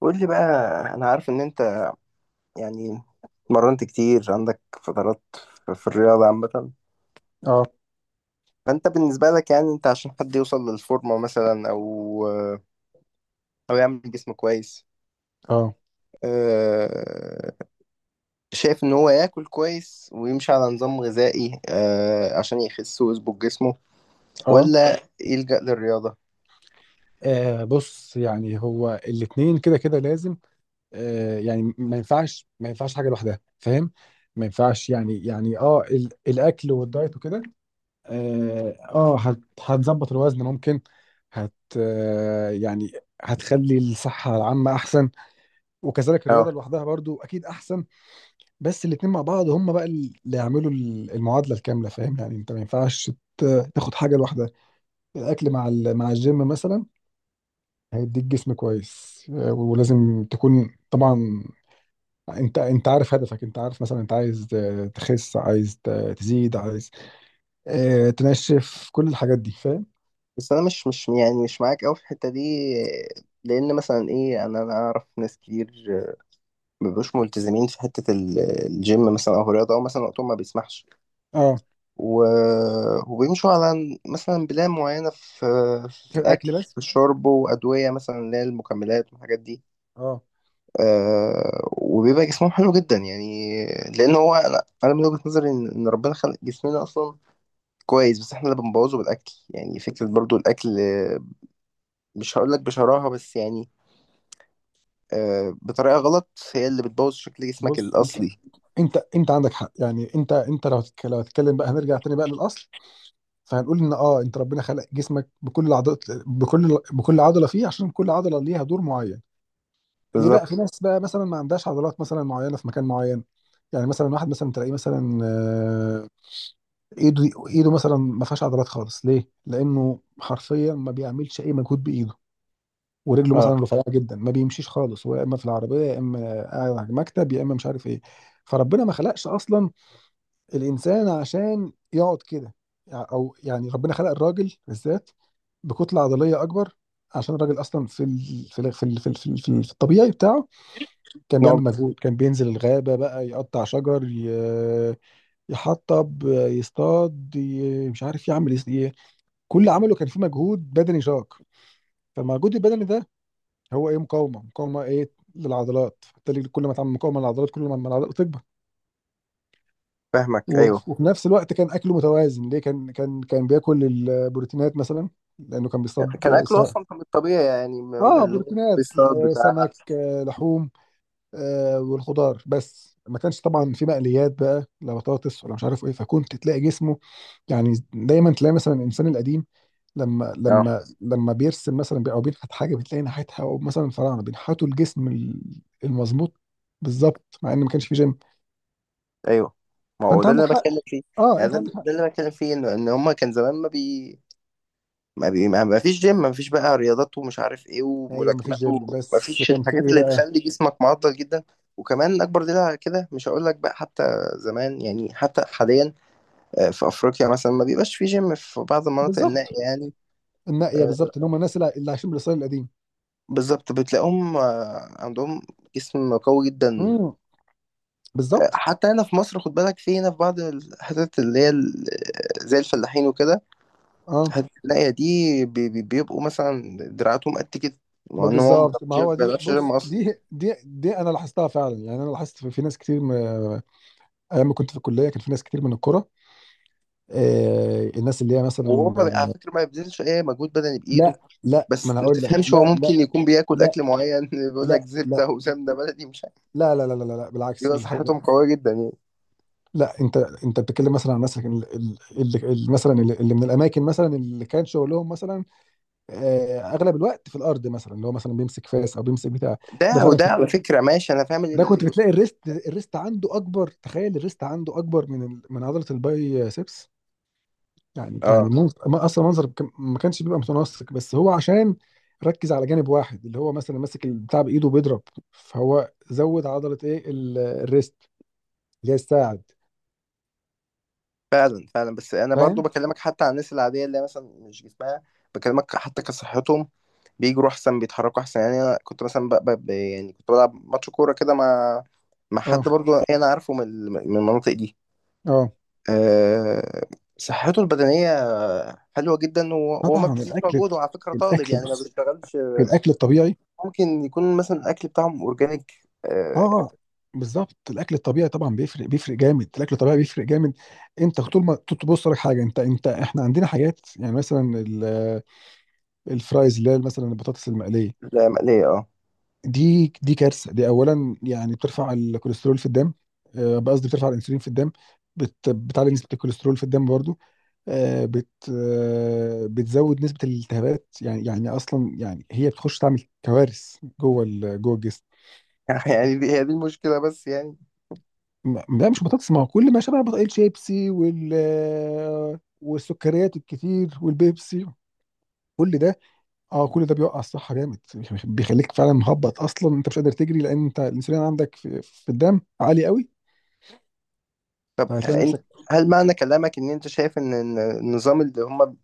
قول لي بقى. انا عارف ان انت، يعني، اتمرنت كتير. عندك فترات في الرياضة عامة، اه فانت بالنسبة لك يعني، انت عشان حد يوصل للفورمة مثلا، او او يعمل جسم كويس، اه آه، شايف ان هو ياكل كويس ويمشي على نظام غذائي عشان يخس ويظبط جسمه، اه ولا يلجأ للرياضة؟ آه، بص يعني هو الاتنين كده كده لازم. يعني ما ينفعش، ما ينفعش حاجه لوحدها، فاهم؟ ما ينفعش يعني، الاكل والدايت وكده. اه، هتظبط الوزن ممكن. هت آه يعني هتخلي الصحه العامه احسن، وكذلك اه. الرياضه لوحدها برضو اكيد احسن. بس الاتنين مع بعض هم بقى اللي يعملوا المعادله الكامله، فاهم؟ يعني انت ما ينفعش تاخد حاجه لوحدها. الاكل مع مع الجيم مثلا هيديك جسم كويس. ولازم تكون طبعا، انت عارف هدفك، انت عارف مثلا انت عايز تخس، عايز تزيد، عايز تنشف، كل الحاجات دي، فاهم؟ بس انا مش يعني مش معاك قوي في الحتة دي، لان مثلا ايه، انا اعرف ناس كتير مبيبقوش ملتزمين في حتة الجيم مثلا، أو الرياضة، أو مثلا وقتهم ما بيسمحش، اه، و... وبيمشوا على مثلا بلان معينة في في الاكل الأكل، بس. في الشرب، وأدوية مثلا اللي هي المكملات والحاجات دي، اه. وبيبقى جسمهم حلو جدا يعني. لأن هو، أنا من وجهة نظري إن ربنا خلق جسمنا أصلا كويس، بس إحنا اللي بنبوظه بالأكل. يعني فكرة برضو الأكل، مش هقولك بشراهة، بس يعني، بطريقة غلط، هي اللي بتبوظ شكل جسمك بص، انت الأصلي. انت انت عندك حق. يعني انت، لو هتتكلم بقى، هنرجع تاني بقى للاصل، فهنقول ان، انت ربنا خلق جسمك بكل العضلات، بكل عضله فيه، عشان كل عضله ليها دور معين. ليه بقى بالظبط. في ناس بقى مثلا ما عندهاش عضلات مثلا معينه في مكان معين؟ يعني مثلا واحد مثلا تلاقيه مثلا، ايده مثلا ما فيهاش عضلات خالص. ليه؟ لانه حرفيا ما بيعملش اي مجهود بايده، ورجله اه، مثلا رفيعه جدا، ما بيمشيش خالص. هو يا اما في العربيه، يا اما قاعد على المكتب، يا اما مش عارف ايه. فربنا ما خلقش اصلا الانسان عشان يقعد كده. يع- او يعني ربنا خلق الراجل بالذات بكتله عضليه اكبر، عشان الراجل اصلا في الطبيعي بتاعه كان بيعمل نوع. مجهود. كان بينزل الغابه بقى يقطع شجر، يحطب، يصطاد، مش عارف يعمل ايه. كل اللي عمله كان فيه مجهود بدني شاق. فالمجهود البدني ده هو ايه؟ مقاومه، مقاومه ايه؟ للعضلات. فبالتالي كل ما تعمل مقاومه للعضلات، كل ما العضلات تكبر. فاهمك. و- ايوه، وفي نفس الوقت كان اكله متوازن. ليه؟ كان بياكل البروتينات مثلا، لانه كان كان بيصطاد. اكله سواء اصلا كان الطبيعي يعني، اه، اللي هو بروتينات، بالصوت بتاع. سمك، لحوم، والخضار. بس ما كانش طبعا في مقليات بقى، لا بطاطس ولا مش عارف ايه، فكنت تلاقي جسمه. يعني دايما تلاقي مثلا الانسان القديم، لما اه. لما لما بيرسم مثلا بي- او بينحت حاجه، بتلاقي ناحيتها، او مثلا الفراعنه بينحتوا الجسم المظبوط بالظبط، مع ان ما كانش في جيم. ايوه، ما هو فانت ده اللي عندك انا حق، بتكلم فيه. اه يعني انت ده, عندك حق. ده اللي انا بتكلم فيه، ان هما كان زمان ما فيش جيم، ما فيش بقى رياضات ومش عارف ايه ايوه، ما فيش وملاكمات، جيم، وما بس فيش كان في الحاجات ايه اللي بقى؟ تخلي جسمك معضل جدا. وكمان اكبر دليل على كده، مش هقول لك بقى حتى زمان، يعني حتى حاليا، في افريقيا مثلا ما بيبقاش في جيم في بعض المناطق بالظبط، النائية يعني. النقيه آه، بالظبط، ان هم الناس اللي عايشين بالاصيل القديم. بالظبط، بتلاقيهم عندهم جسم قوي جدا. امم، بالظبط. حتى هنا في مصر، خد بالك، في هنا في بعض الحتت اللي هي زي الفلاحين وكده، اه، هتلاقي دي بيبقوا مثلا دراعاتهم قد كده، ما مع ان هو ما بالظبط، ما بيعرفش ما هو دي، بيعرفش بص يرمي اصلا. دي، دي انا لاحظتها فعلا. يعني انا لاحظت في ناس كتير، ايام ما كنت في الكليه كان في ناس كتير من الكوره، الناس اللي هي وهو مثلا. ما بي- على فكره ما بيبذلش اي مجهود بدني بايده. لا، لا، ما بس انا ما هقول لك، تفهمش، هو لا، ممكن لا، يكون بياكل لا، اكل معين، بيقول لا، لك زبده وسمنه بلدي، مش عارف. لا، لا، لا، لا، لا، لا، لا، بالعكس بيبقى الحاجه. صحتهم قويه جدا يعني. لا، انت بتتكلم مثلا عن الناس، اللي مثلا، اللي من الاماكن مثلا، اللي كان شغلهم مثلا اغلب الوقت في الارض، مثلا اللي هو مثلا بيمسك فاس او بيمسك بتاع. ده ده فعلا، وده على فكره، ماشي، انا فاهم ان ده كنت بتلاقي الريست عنده اكبر، تخيل الريست عنده اكبر من عضله الباي سيبس. يعني اه. منظر... ما- اصلا منظر كم- ما كانش بيبقى متناسق، بس هو عشان ركز على جانب واحد، اللي هو مثلا ماسك البتاع بايده بيضرب. فهو زود عضله ايه؟ الريست، اللي هي الساعد، فعلا فعلا. بس انا برضو فاهم؟ بكلمك حتى عن الناس العاديه، اللي هي مثلا مش جسمها، بكلمك حتى كصحتهم. بيجروا احسن، بيتحركوا احسن. يعني انا كنت مثلا يعني كنت بلعب ماتش كوره كده مع مع حد اه. برضو انا عارفه من المناطق دي. اه، أه... صحته البدنيه حلوه جدا، وهو ما طبعا بيبذلش الاكل، مجهود، وعلى فكره طالب الاكل، يعني، ما بيشتغلش. الطبيعي. ممكن يكون مثلا الاكل بتاعهم اورجانيك. أه... اه، بالظبط، الاكل الطبيعي طبعا بيفرق جامد، الاكل الطبيعي بيفرق جامد. انت طول ما تبص لك حاجه، انت انت احنا عندنا حاجات يعني مثلا الفرايز، اللي هي مثلا البطاطس المقليه. لا، مقليه، اه. دي كارثه، دي اولا يعني بترفع الكوليسترول في الدم. قصدي بترفع الانسولين في الدم، بتعلي نسبه الكوليسترول في الدم برضو. آه، بت آه، بتزود نسبه الالتهابات، يعني اصلا يعني هي بتخش تعمل كوارث جوه الجسم. يعني دي هي دي المشكله، بس يعني. لا مش بطاطس، ما هو كل ما شبه الشيبسي والسكريات الكتير والبيبسي. كل ده، اه كل ده بيوقع الصحه جامد، بيخليك فعلا مهبط، اصلا انت مش قادر تجري، لان انت الانسولين عندك في الدم عالي قوي، طب فهتلاقي انت، نفسك. هل معنى كلامك ان انت شايف إن النظام اللي هم،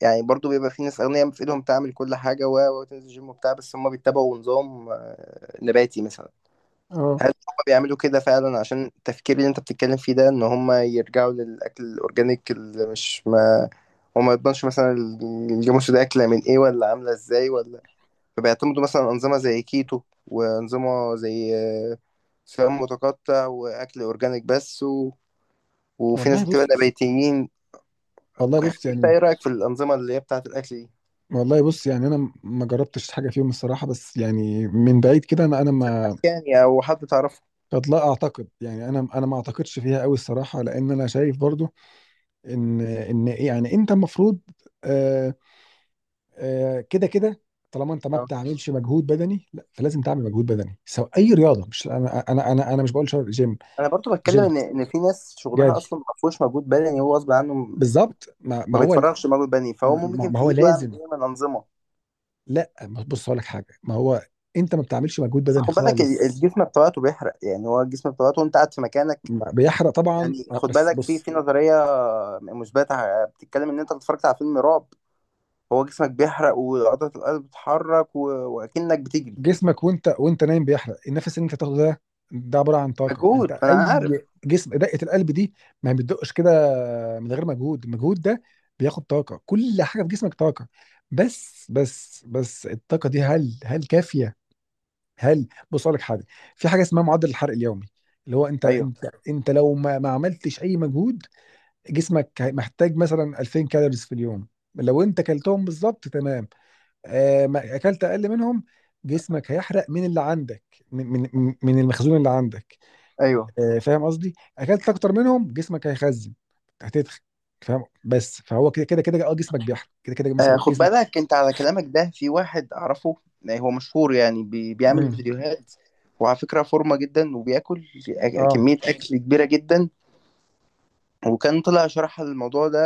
يعني برضو بيبقى فيه ناس اغنياء في ايدهم تعمل كل حاجه، وتنزل جيم وبتاع، بس هم بيتبعوا نظام نباتي مثلا، اه. هل هم بيعملوا كده فعلا عشان التفكير اللي انت بتتكلم فيه ده، ان هم يرجعوا للاكل الاورجانيك اللي مش ما، وما يضمنش مثلا الجاموس ده اكله من ايه ولا عامله ازاي ولا، فبيعتمدوا مثلا انظمه زي كيتو، وانظمه زي صيام متقطع، واكل اورجانيك بس، وفي والله ناس بتبقى بص نباتيين؟ والله يعني بص انت يعني ايه رايك في الانظمه اللي هي بتاعه الاكل دي؟ والله بص، يعني انا ما جربتش حاجه فيهم الصراحه، بس يعني من بعيد كده، انا ما يعني، او حد تعرفه؟ قد لا اعتقد، يعني انا ما اعتقدش فيها قوي الصراحه، لان انا شايف برضو ان إيه، يعني انت المفروض آه، كده كده، طالما انت ما اه. بتعملش مجهود بدني لا، فلازم تعمل مجهود بدني، سواء اي رياضه، مش، انا مش بقول جيم، انا برضو بتكلم جيم، ان في ناس شغلها جري. اصلا ما فيهوش مجهود بدني، هو غصب عنه بالظبط، ما ما هو، بيتفرغش مجهود بدني، فهو ما, ممكن ما في هو ايده يعمل لازم. ايه من انظمه؟ لا، بص هقول لك حاجه، ما هو انت ما بتعملش مجهود بس بدني خد بالك، خالص. الجسم بتاعته بيحرق، يعني هو الجسم بتاعته وانت قاعد في مكانك. بيحرق طبعا، يعني خد بس بالك في بص. نظريه مثبته، بتتكلم ان انت اتفرجت على فيلم رعب، هو جسمك بيحرق وعضله القلب بتتحرك، واكنك بتجري. جسمك وانت نايم بيحرق، النفس اللي انت تاخده ده، ده عباره عن طاقه. انت مجهود، ما اي، انا عارف. جسم، دقه القلب دي ما بتدقش كده من غير مجهود. المجهود ده بياخد طاقه، كل حاجه في جسمك طاقه. بس الطاقه دي، هل كافيه؟ هل، بص اقول لك حاجه، في حاجه اسمها معدل الحرق اليومي، اللي هو انت. ايوه. انت لو ما عملتش اي مجهود، جسمك محتاج مثلا 2000 كالوريز في اليوم. لو انت كلتهم بالظبط تمام. ما اكلت اقل منهم، جسمك هيحرق من اللي عندك، من المخزون اللي عندك. ايوه. فاهم قصدي؟ اكلت اكتر منهم جسمك هيخزن، هتدخل. فاهم؟ بس فهو كده، اه جسمك بيحرق كده كده مثلا خد جسمك. بالك انت على كلامك ده، في واحد اعرفه، هو مشهور يعني بيعمل امم. فيديوهات، وعلى فكرة فورمة جدا، وبياكل اه، كمية اكل كبيرة جدا، وكان طلع شرح الموضوع ده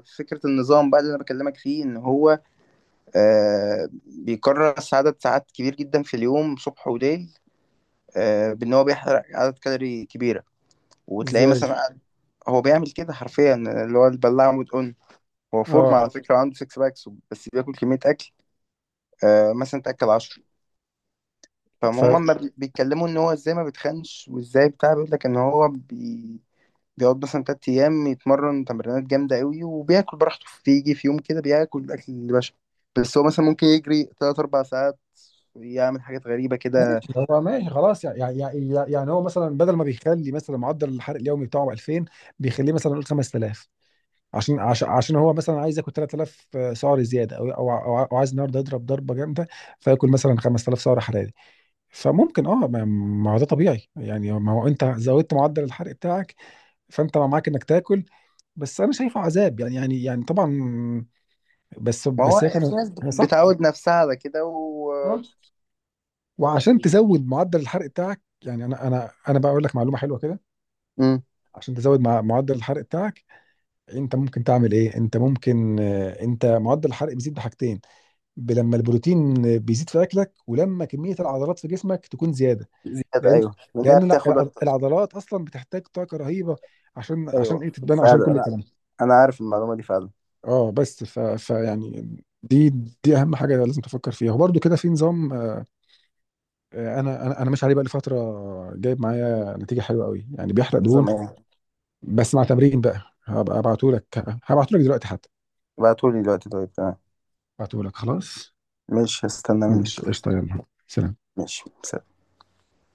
في فكرة النظام بقى اللي انا بكلمك فيه، ان هو آه بيكرس عدد ساعات كبير جدا في اليوم، صبح وليل، آه بان هو بيحرق عدد كالوري كبيرة. وتلاقيه ازاي؟ مثلا هو بيعمل كده حرفيا، اللي هو البلاعة مدقن. هو فورمة اه، على فكرة، وعنده سكس باكس، بس بياكل كمية اكل، آه مثلا تاكل 10. ف، فهم ما بي- بيتكلموا ان هو، ازاي ما بيتخنش، وازاي بتاع، بيقول لك ان هو بيقعد مثلا تلات ايام يتمرن تمرينات جامده قوي، وبياكل براحته، بيجي في يوم كده بياكل الاكل اللي باشا، بس هو مثلا ممكن يجري تلات اربع ساعات، يعمل حاجات غريبه كده. هو ماشي خلاص يعني، هو مثلا بدل ما بيخلي مثلا معدل الحرق اليومي بتاعه 2000، بيخليه مثلا نقول 5000. عشان هو مثلا عايز ياكل 3000 سعر زياده، او او او أو عايز النهارده يضرب ضربه جامده، فياكل مثلا 5000 سعر حراري. فممكن، اه ما هو ده طبيعي يعني، ما هو انت زودت معدل الحرق بتاعك، فانت معاك انك تاكل. بس انا شايفه عذاب، يعني، طبعا. بس ما هو بس هي كانت، في ناس هي صح. بتعود نفسها على كده. و... آه. وعشان تزود معدل الحرق بتاعك، يعني انا بقى اقول لك معلومه حلوه كده. مم. عشان تزود معدل الحرق بتاعك، انت ممكن تعمل ايه؟ انت ممكن، انت معدل الحرق بيزيد بحاجتين: لما البروتين بيزيد في اكلك، ولما كميه العضلات في جسمك تكون زياده، زياده، لان ايوه، لانها لان بتاخد اكتر. العضلات اصلا بتحتاج طاقه رهيبه، عشان ايوه ايه؟ تتبنى، عشان فعلا. كل انا، الكلام ده. انا عارف المعلومه دي فعلا. اه، بس ف... فيعني، دي دي اهم حاجه لازم تفكر فيها، وبرده كده في نظام، انا ماشي عليه بقى لي فتره، جايب معايا نتيجه حلوه قوي يعني، بيحرق دهون نظام ايه؟ بس مع تمرين بقى. هبقى ابعته لك، هبعته لك دلوقتي حتى، ابعتولي دلوقتي، طيب، تمام. ابعته لك خلاص. ماشي، هستنى منك. ماشي، قشطه، يلا سلام. ماشي، سلام.